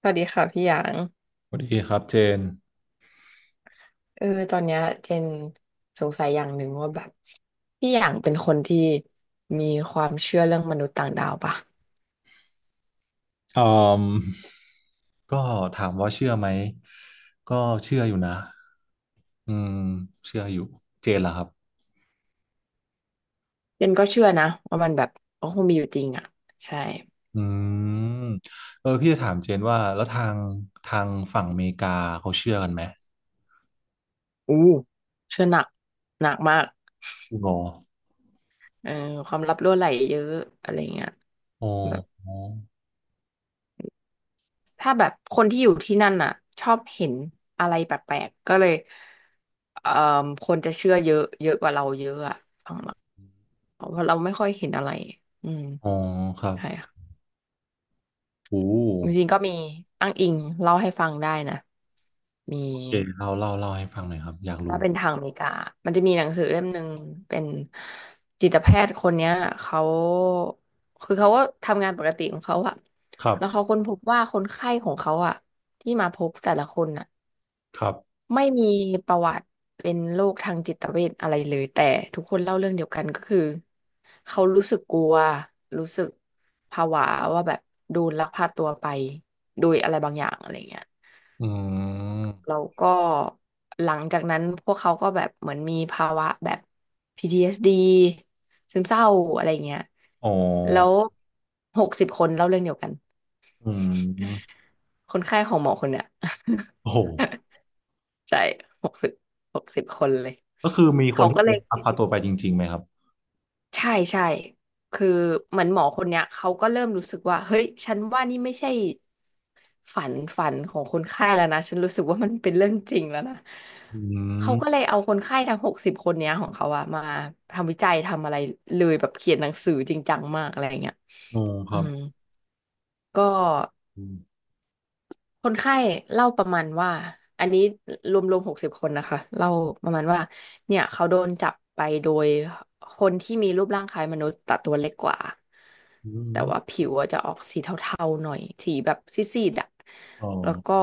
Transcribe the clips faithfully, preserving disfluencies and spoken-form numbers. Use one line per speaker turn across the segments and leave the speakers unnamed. สวัสดีค่ะพี่หยาง
สวัสดีครับเจน
เออตอนเนี้ยเจนสงสัยอย่างหนึ่งว่าแบบพี่หยางเป็นคนที่มีความเชื่อเรื่องมนุษย์ต่างดาวปะ
อืมก็ถามว่าเชื่อไหมก็เชื่ออยู่นะอืมเชื่ออยู่เจนล่ะครับ
เจนก็เชื่อนะว่ามันแบบก็คงมีอยู่จริงอ่ะใช่
อืมเออพี่จะถามเจนว่าแล้วทางทางฝั่งอเมริกาเขาเชื่อกันไหม
อู้เชื่อหนักหนักมาก
คุณโอ
เออความลับรั่วไหลเยอะอะไรเงี้ย
อ๋อ
แบบ
อ๋อ
ถ้าแบบคนที่อยู่ที่นั่นน่ะชอบเห็นอะไรแปลกๆก็เลยเอ่อคนจะเชื่อเยอะเยอะกว่าเราเยอะอะฝั่งเราเพราะเราไม่ค่อยเห็นอะไรอืม
อ๋อครับ
ใช่ค่ะ
โอ้
จริงๆก็มีอ้างอิงเล่าให้ฟังได้นะมี
โอเคเล่าเล่าเล่าให้ฟังหน่อยครับอยาก
ถ้า
รู้
เป็นทางอเมริกามันจะมีหนังสือเล่มหนึ่งเป็นจิตแพทย์คนเนี้ยเขาคือเขาก็ทำงานปกติของเขาอะ
ครั
แล้วเขา
บ
ค้นพบว่าคนไข้ของเขาอะที่มาพบแต่ละคนอะ
ครับ
ไม่มีประวัติเป็นโรคทางจิตเวชอะไรเลยแต่ทุกคนเล่าเรื่องเดียวกันก็คือเขารู้สึกกลัวรู้สึกผวาว่าแบบโดนลักพาตัวไปโดยอะไรบางอย่างอะไรเงี้ย
อื
แล้
ม
วก็หลังจากนั้นพวกเขาก็แบบเหมือนมีภาวะแบบ พี ที เอส ดี ซึมเศร้าอะไรเงี้ย
อ๋อ
แล้วหกสิบคนเล่าเรื่องเดียวกัน
อืม
คนไข้ของหมอคนเนี้ย
โอ้โห
ใช่หกสิบหกสิบคนเลย
ก็คือมีคน
เขา
ที่
ก็เล
เดิ
ย
นลักพาตัวไปจริงๆไหมครับ
ใช่ใช่คือเหมือนหมอคนเนี้ยเขาก็เริ่มรู้สึกว่าเฮ้ยฉันว่านี่ไม่ใช่ฝันฝันของคนไข้แล้วนะฉันรู้สึกว่ามันเป็นเรื่องจริงแล้วนะ
อื
เขาก็เล
ม
ยเอาคนไข้ทั้งหกสิบคนเนี้ยของเขาอะมาทำวิจัยทำอะไรเลยแบบเขียนหนังสือจริงจังมากอะไรเงี้ย
อ๋อค
อื
รับ
มก็
อืม
คนไข้เล่าประมาณว่าอันนี้รวมรวมหกสิบคนนะคะเล่าประมาณว่าเนี่ยเขาโดนจับไปโดยคนที่มีรูปร่างคล้ายมนุษย์แต่ตัวเล็กกว่า
อื
แต่
ม
ว่าผิวอะจะออกสีเทาๆหน่อยสีแบบซีดๆอ่ะ
อ๋
แล้วก็
อ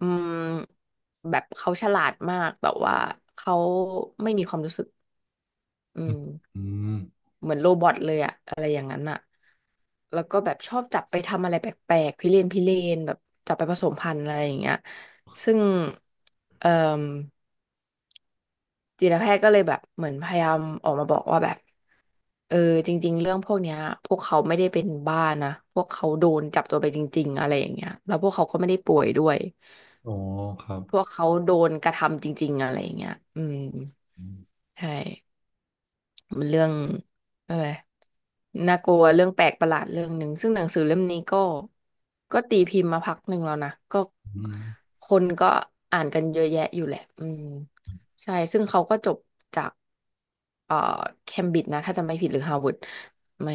อืมแบบเขาฉลาดมากแต่ว่าเขาไม่มีความรู้สึกอื
อืม
ม
อม
เหมือนโรบอทเลยอะอะไรอย่างนั้นอะแล้วก็แบบชอบจับไปทำอะไรแปลกๆพิเรนพิเรนแบบจับไปผสมพันธุ์อะไรอย่างเงี้ยซึ่งเอ่มจิตแพทย์ก็เลยแบบเหมือนพยายามออกมาบอกว่าแบบเออจริงๆเรื่องพวกเนี้ยพวกเขาไม่ได้เป็นบ้านะพวกเขาโดนจับตัวไปจริงๆอะไรอย่างเงี้ยแล้วพวกเขาก็ไม่ได้ป่วยด้วย
อ๋อครับ
พวกเขาโดนกระทำจริงๆอะไรอย่างเงี้ยอืม
อืม
ใช่ มันเรื่องอะไรน่ากลัวเรื่องแปลกประหลาดเรื่องหนึ่งซึ่งหนังสือเล่มนี้ก็ก็ตีพิมพ์มาพักหนึ่งแล้วนะก็
อืม
คนก็อ่านกันเยอะแยะอยู่แหละอืมใช่ซึ่งเขาก็จบจากเอ่อเคมบริดจ์นะถ้าจำไม่ผิดหรือฮาร์วาร์ดไม่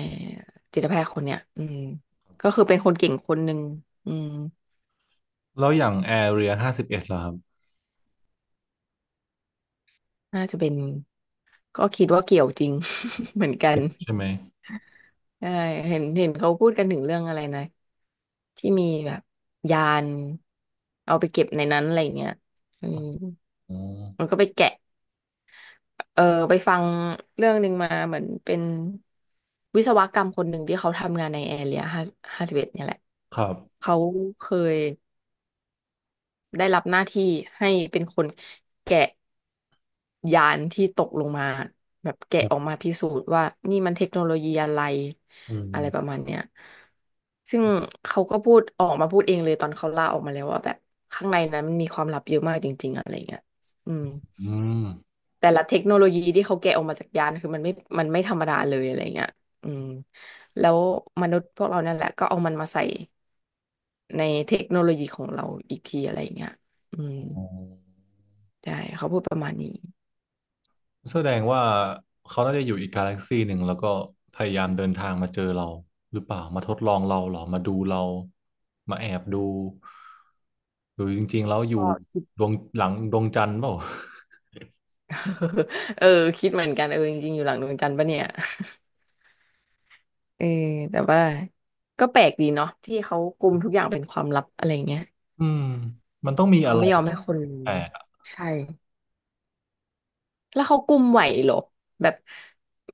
จิตแพทย์คนเนี้ยอืมก็คือเป็นคนเก่งคนหนึ่งอืม
แล้วอย่างแอเรียห้าสิบเอ็ดล่ะครับ
น่าจะเป็นก็คิดว่าเกี่ยวจริง เหมือนกัน
ใช่ไหม
ใช่เห็นเห็นเขาพูดกันถึงเรื่องอะไรนะ ที่มีแบบยานเอาไปเก็บในนั้นอะไรเงี้ยอื
อ
ม
๋อ
มันก็ไปแกะ เออ ไปฟังเรื่องหนึ่งมาเหมือนเป็นวิศวกรรมคนหนึ่งที่เขาทำงานในแอเรียห้าห้าสิบเอ็ดเนี่ยแหละ
ครับ
เขาเคย ได้รับหน้าที่ให้เป็นคนแกะยานที่ตกลงมาแบบแกะ
ครั
ออก
บ
มาพิสูจน์ว่านี่มันเทคโนโลยีอะไร
อื
อะไรประ
ม
มาณเนี้ยซึ่งเขาก็พูดออกมาพูดเองเลยตอนเขาล่าออกมาแล้วว่าแบบข้างในนั้นมันมีความลับเยอะมากจริงๆอะไรเงี้ยอืม
อืม
แต่ละเทคโนโลยีที่เขาแกะออกมาจากยานคือมันไม่มันไม่ธรรมดาเลยอะไรเงี้ยอืมแล้วมนุษย์พวกเรานั่นแหละก็เอามันมาใส่ในเทคโนโลยีของเราอีกทีอะไรเงี้ยอืม
อ๋อ
ใช่เขาพูดประมาณนี้
แสดงว่าเขาน่าจะอยู่อีกกาแล็กซีหนึ่งแล้วก็พยายามเดินทางมาเจอเราหรือเปล่ามาทดลองเราเหรอมาดูเรามาแอบดูหรือจริงๆแล้วอยู่ดวงหลังดวงจันทร์เปล่า
เออคิดเหมือนกันเออจริงๆอยู่หลังดวงจันทร์ปะเนี่ย เออแต่ว่าก็แปลกดีเนาะที่เขากุมทุกอย่างเป็นความลับอะไรเงี้ย
อืมมี
เขา
อะไร
ไม่ยอมให้คนรู้
แปลก
ใช่แล้วเขากุมไหวเหรอแบบ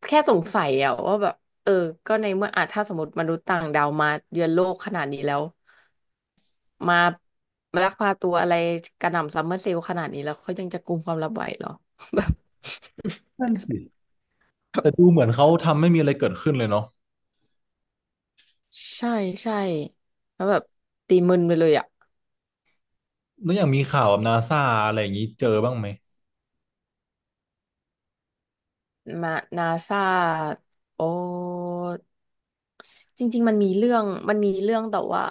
แค่สงสัยอะว่าแบบเออก็ในเมื่ออาจถ้าสมมติมนุษย์ต่างดาวมาเยือนโลกขนาดนี้แล้วมามาลักพาตัวอะไรกระหน่ำซัมเมอร์เซลล์ขนาดนี้แล้วเขายังจะกุมความลับไหวเหรอ
นั่นสิ
แบบ
แต่ดูเหมือนเขาทำไม่มีอะไรเกิดขึ้นเลยเนาะ
ใช่ใช่แล้วแบบตีมึนไปเลยอ่ะ
แล้วอย่างมีข่าวแบบนาซาอะไรอย่างนี้เจอบ้างไหม
มานาซาโอจริงๆมันมีเรื่องมันมีเรื่องแต่ว่า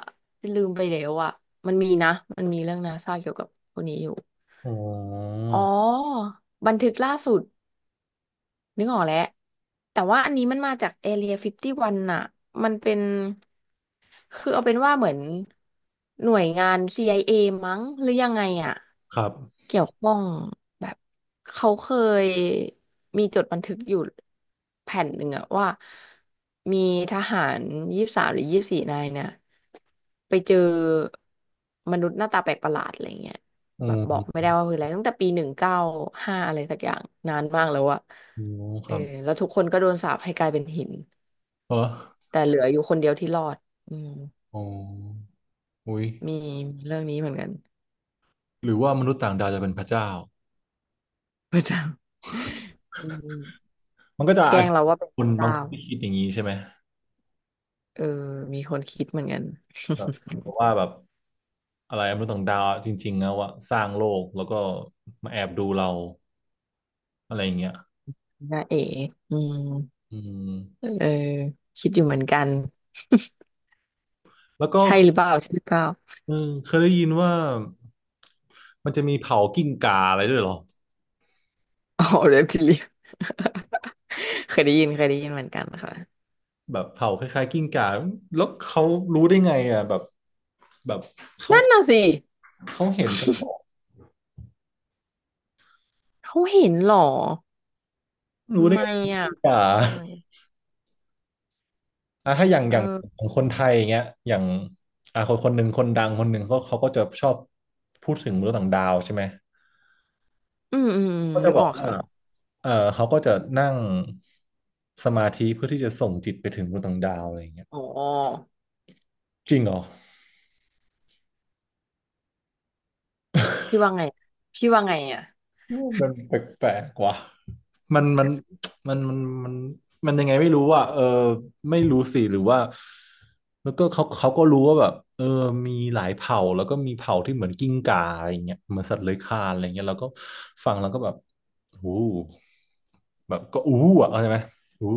ลืมไปแล้วอ่ะมันมีนะมันมีเรื่องนาซาเกี่ยวกับคนนี้อยู่
อ๋อ
อ๋อบันทึกล่าสุดนึกออกแล้วแต่ว่าอันนี้มันมาจาก Area ห้าสิบเอ็ดน่ะมันเป็น คือเอาเป็นว่าเหมือนหน่วยงาน ซี ไอ เอ มั้งหรือยังไงอ่ะ
ครับ
เกี่ยวข้องแบบเขาเคยมีจดบันทึกอยู่แผ่นหนึ่งอะว่ามีทหารยี่สิบสามหรือยี่สิบสี่นายเนี่ยไปเจอมนุษย์หน้าตาแปลกประหลาดอะไรเงี้ยแบบบอกไม่
อ
ได้ว่าคืออะไรตั้งแต่ปีหนึ่งเก้าห้าอะไรสักอย่างนานมากแล้วอะ
อืค
เออ
รับ
แล้วทุกคนก็โดนสาปให้กลายเป็นหิน
เออ
แต่เหลืออยู่คนเดียวที่รอดอืม
อ๋ออุ้ย
มีมีเรื่องนี้เหมือนกัน
หรือว่ามนุษย์ต่างดาวจะเป็นพระเจ้า
พระเจ้าอืม
มันก็จะ
แกล้
อาจ
ง
จะ
เราว่าเป็น
ค
พ
น
ระ
บา
เจ้า
งคนที่คิดอย่างนี้ใช่ไหม
เออมีคนคิดเหมือนกัน
แบบว่าแบบอะไรมนุษย์ต่างดาวจริงๆนะว่าสร้างโลกแล้วก็มาแอบดูเราอะไรอย่างเงี้ย
น้าเอ๋อืม
อืม
เออคิดอยู่เหมือนกัน
แล้วก็
ใช่หรือเปล่าใช่หรือเปล่า
เออเคยได้ยินว่ามันจะมีเผากิ้งก่าอะไรด้วยเหรอ
อ๋อเล็บท เรีย เคยได้ยินเคยได้ยินเหมือนกันค่ะ
แบบเผาคล้ายๆกิ้งก่าแล้วเขารู้ได้ไงอ่ะแบบแบบเขา
นั่นน่ะสิ
เขาเห็นกันเหรอ
เขาเห็นเหรอ
รู้ได้ไง
ไม่อ่ะ
กิ้งก่า
ได้ไหมก
อ่ะถ้าอย่าง
เอ
อย่างข
อ
องคนไทยอย่างเงี้ยอย่างอ่ะคนคนหนึ่งคนดังคนหนึ่งเขาเขาก็จะชอบพูดถึงมนุษย์ต่างดาวใช่ไหม
อืมอืมอืม
ก็จะ
นึก
บ
อ
อก
อก
ว่า
ค่ะ
เออเขาก็จะนั่งสมาธิเพื่อที่จะส่งจิตไปถึงมวต่างดาวอะไรอย่างเงี้ย
อ๋อ
จริงเหรอ
พี่ว่าไงพี่ว่าไงอ่ะ
คิว่ามันแปลกๆว่ะมันมันมันมันมันมันยังไงไม่รู้อ่ะเออไม่รู้สิหรือว่าแล้วก็เขาเขาก็รู้ว่าแบบเออมีหลายเผ่าแล้วก็มีเผ่าที่เหมือนกิ้งก่าอะไรเงี้ยเหมือนสัตว์เลื้อยคลานอะไรเงี้ยแล้วก็ฟังแล้วก็แบบอู้แบบก็อู้อ่ะเข้าใจไหมอู้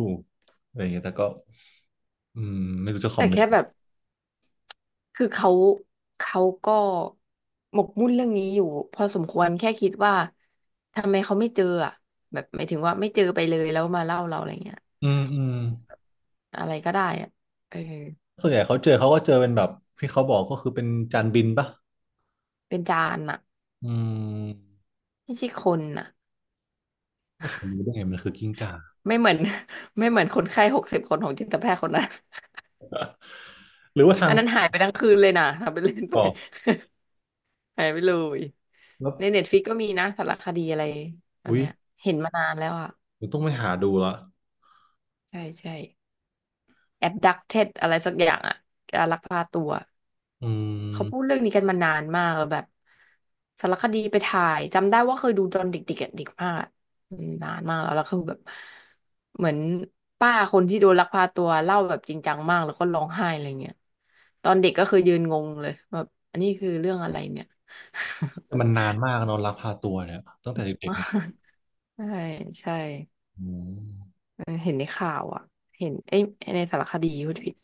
อะไรเงี้ยแต่ก็อืมไม่รู้จะคอ
แต่
มเมน
แค่
ต์
แบบ คือเขาเขาก็หมกมุ่นเรื่องนี้อยู่พอสมควรแค่คิดว่าทำไมเขาไม่เจออ่ะแบบหมายถึงว่าไม่เจอไปเลยแล้วมาเล่าเราอะไรเงี้ย
อืมอืม
อะไรก็ได้อ่ะเออ
ส่วนใหญ่เขาเจอเขาก็เจอเป็นแบบที่เขาบอกก็คือเป็นจานบินปะ
เป็นจานอ่ะ
อืม
ไม่ใช่คนอ่ะ
ก็ผมรู้ได้ไงมันคือกิ้งก่า
ไม่เหมือน ไม่เหมือนคนไข้หกสิบคนของจิตแพทย์คนนั้น
หรือว่าทา
อั
ง
นนั้นหาย
ฝั
ไปทั้งคืนเลยนะทำเป็นเล่นไป
ก่อก
หายไปเลย
แล้ว
ในเน็ตฟ i ิกก็มีนะสารคดีอะไรอัน
อุ๊ย
เนี้ยเห็นมานานแล้วอ่ะ
ผมต้องไปหาดูละ
ใช่ใช่ abducted อะไรสักอย่างอะการลักพาตัว
อื
เขาพูด
ม
เรื่องนี้กันมานานมากแล้วแบบสารคดีไปถ่ายจำได้ว่าเคยดูตอนเด็กๆอะเด็กมากอะอืมนานมากแล้วแล้วคือแบบเหมือนป้าคนที่โดนลักพาตัวเล่าแบบจริงจังมากแล้วก็ร้องไห้อะไรเงี้ยตอนเด็กก็คือยืนงงเลยแบบอันนี้คือเรื่องอะไรเนี่ย
แต่มันนานมากเนอะลักพาตัวเนี่ยตั้งแต่เด็ ก
มา
ๆมา
กใช่ใช่
อืม
เออเห็นในข่าวอ่ะเห็นเอ้ยในสารคดีพูดผิด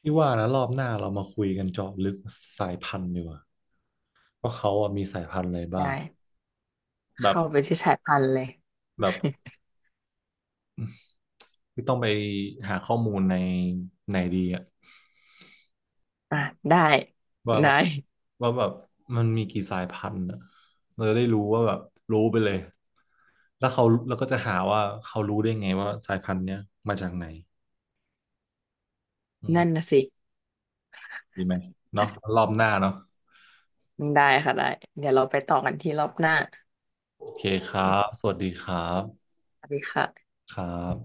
พี่ว่านะรอบหน้าเรามาคุยกันเจาะลึกสายพันธุ์ดีกว่าว่าเขาอะมีสายพันธุ์อะไรบ้าง
ได้
แบบ
เข้าไปที่สายพันธุ์เลย
แบบที่ต้องไปหาข้อมูลในในดีอะ
อ่ะได้
ว่าแบ
ได้
บว่าแบบมันมีกี่สายพันธุ์อ่ะเราจะได้รู้ว่าแบบรู้ไปเลยแล้วเขาแล้วก็จะหาว่าเขารู้ได้ไงว่าสายพันธุ์เนี้ยมาจากไหนอืม
นั่นนะสิ
ดีไหมเนาะรอบหน้าเนาะ
ได้ค่ะได้เดี๋ยวเราไปต่อกันที่รอบหน้า
โอเคครับสวัสดีครับ
สวัสดีค่ะ
ครับ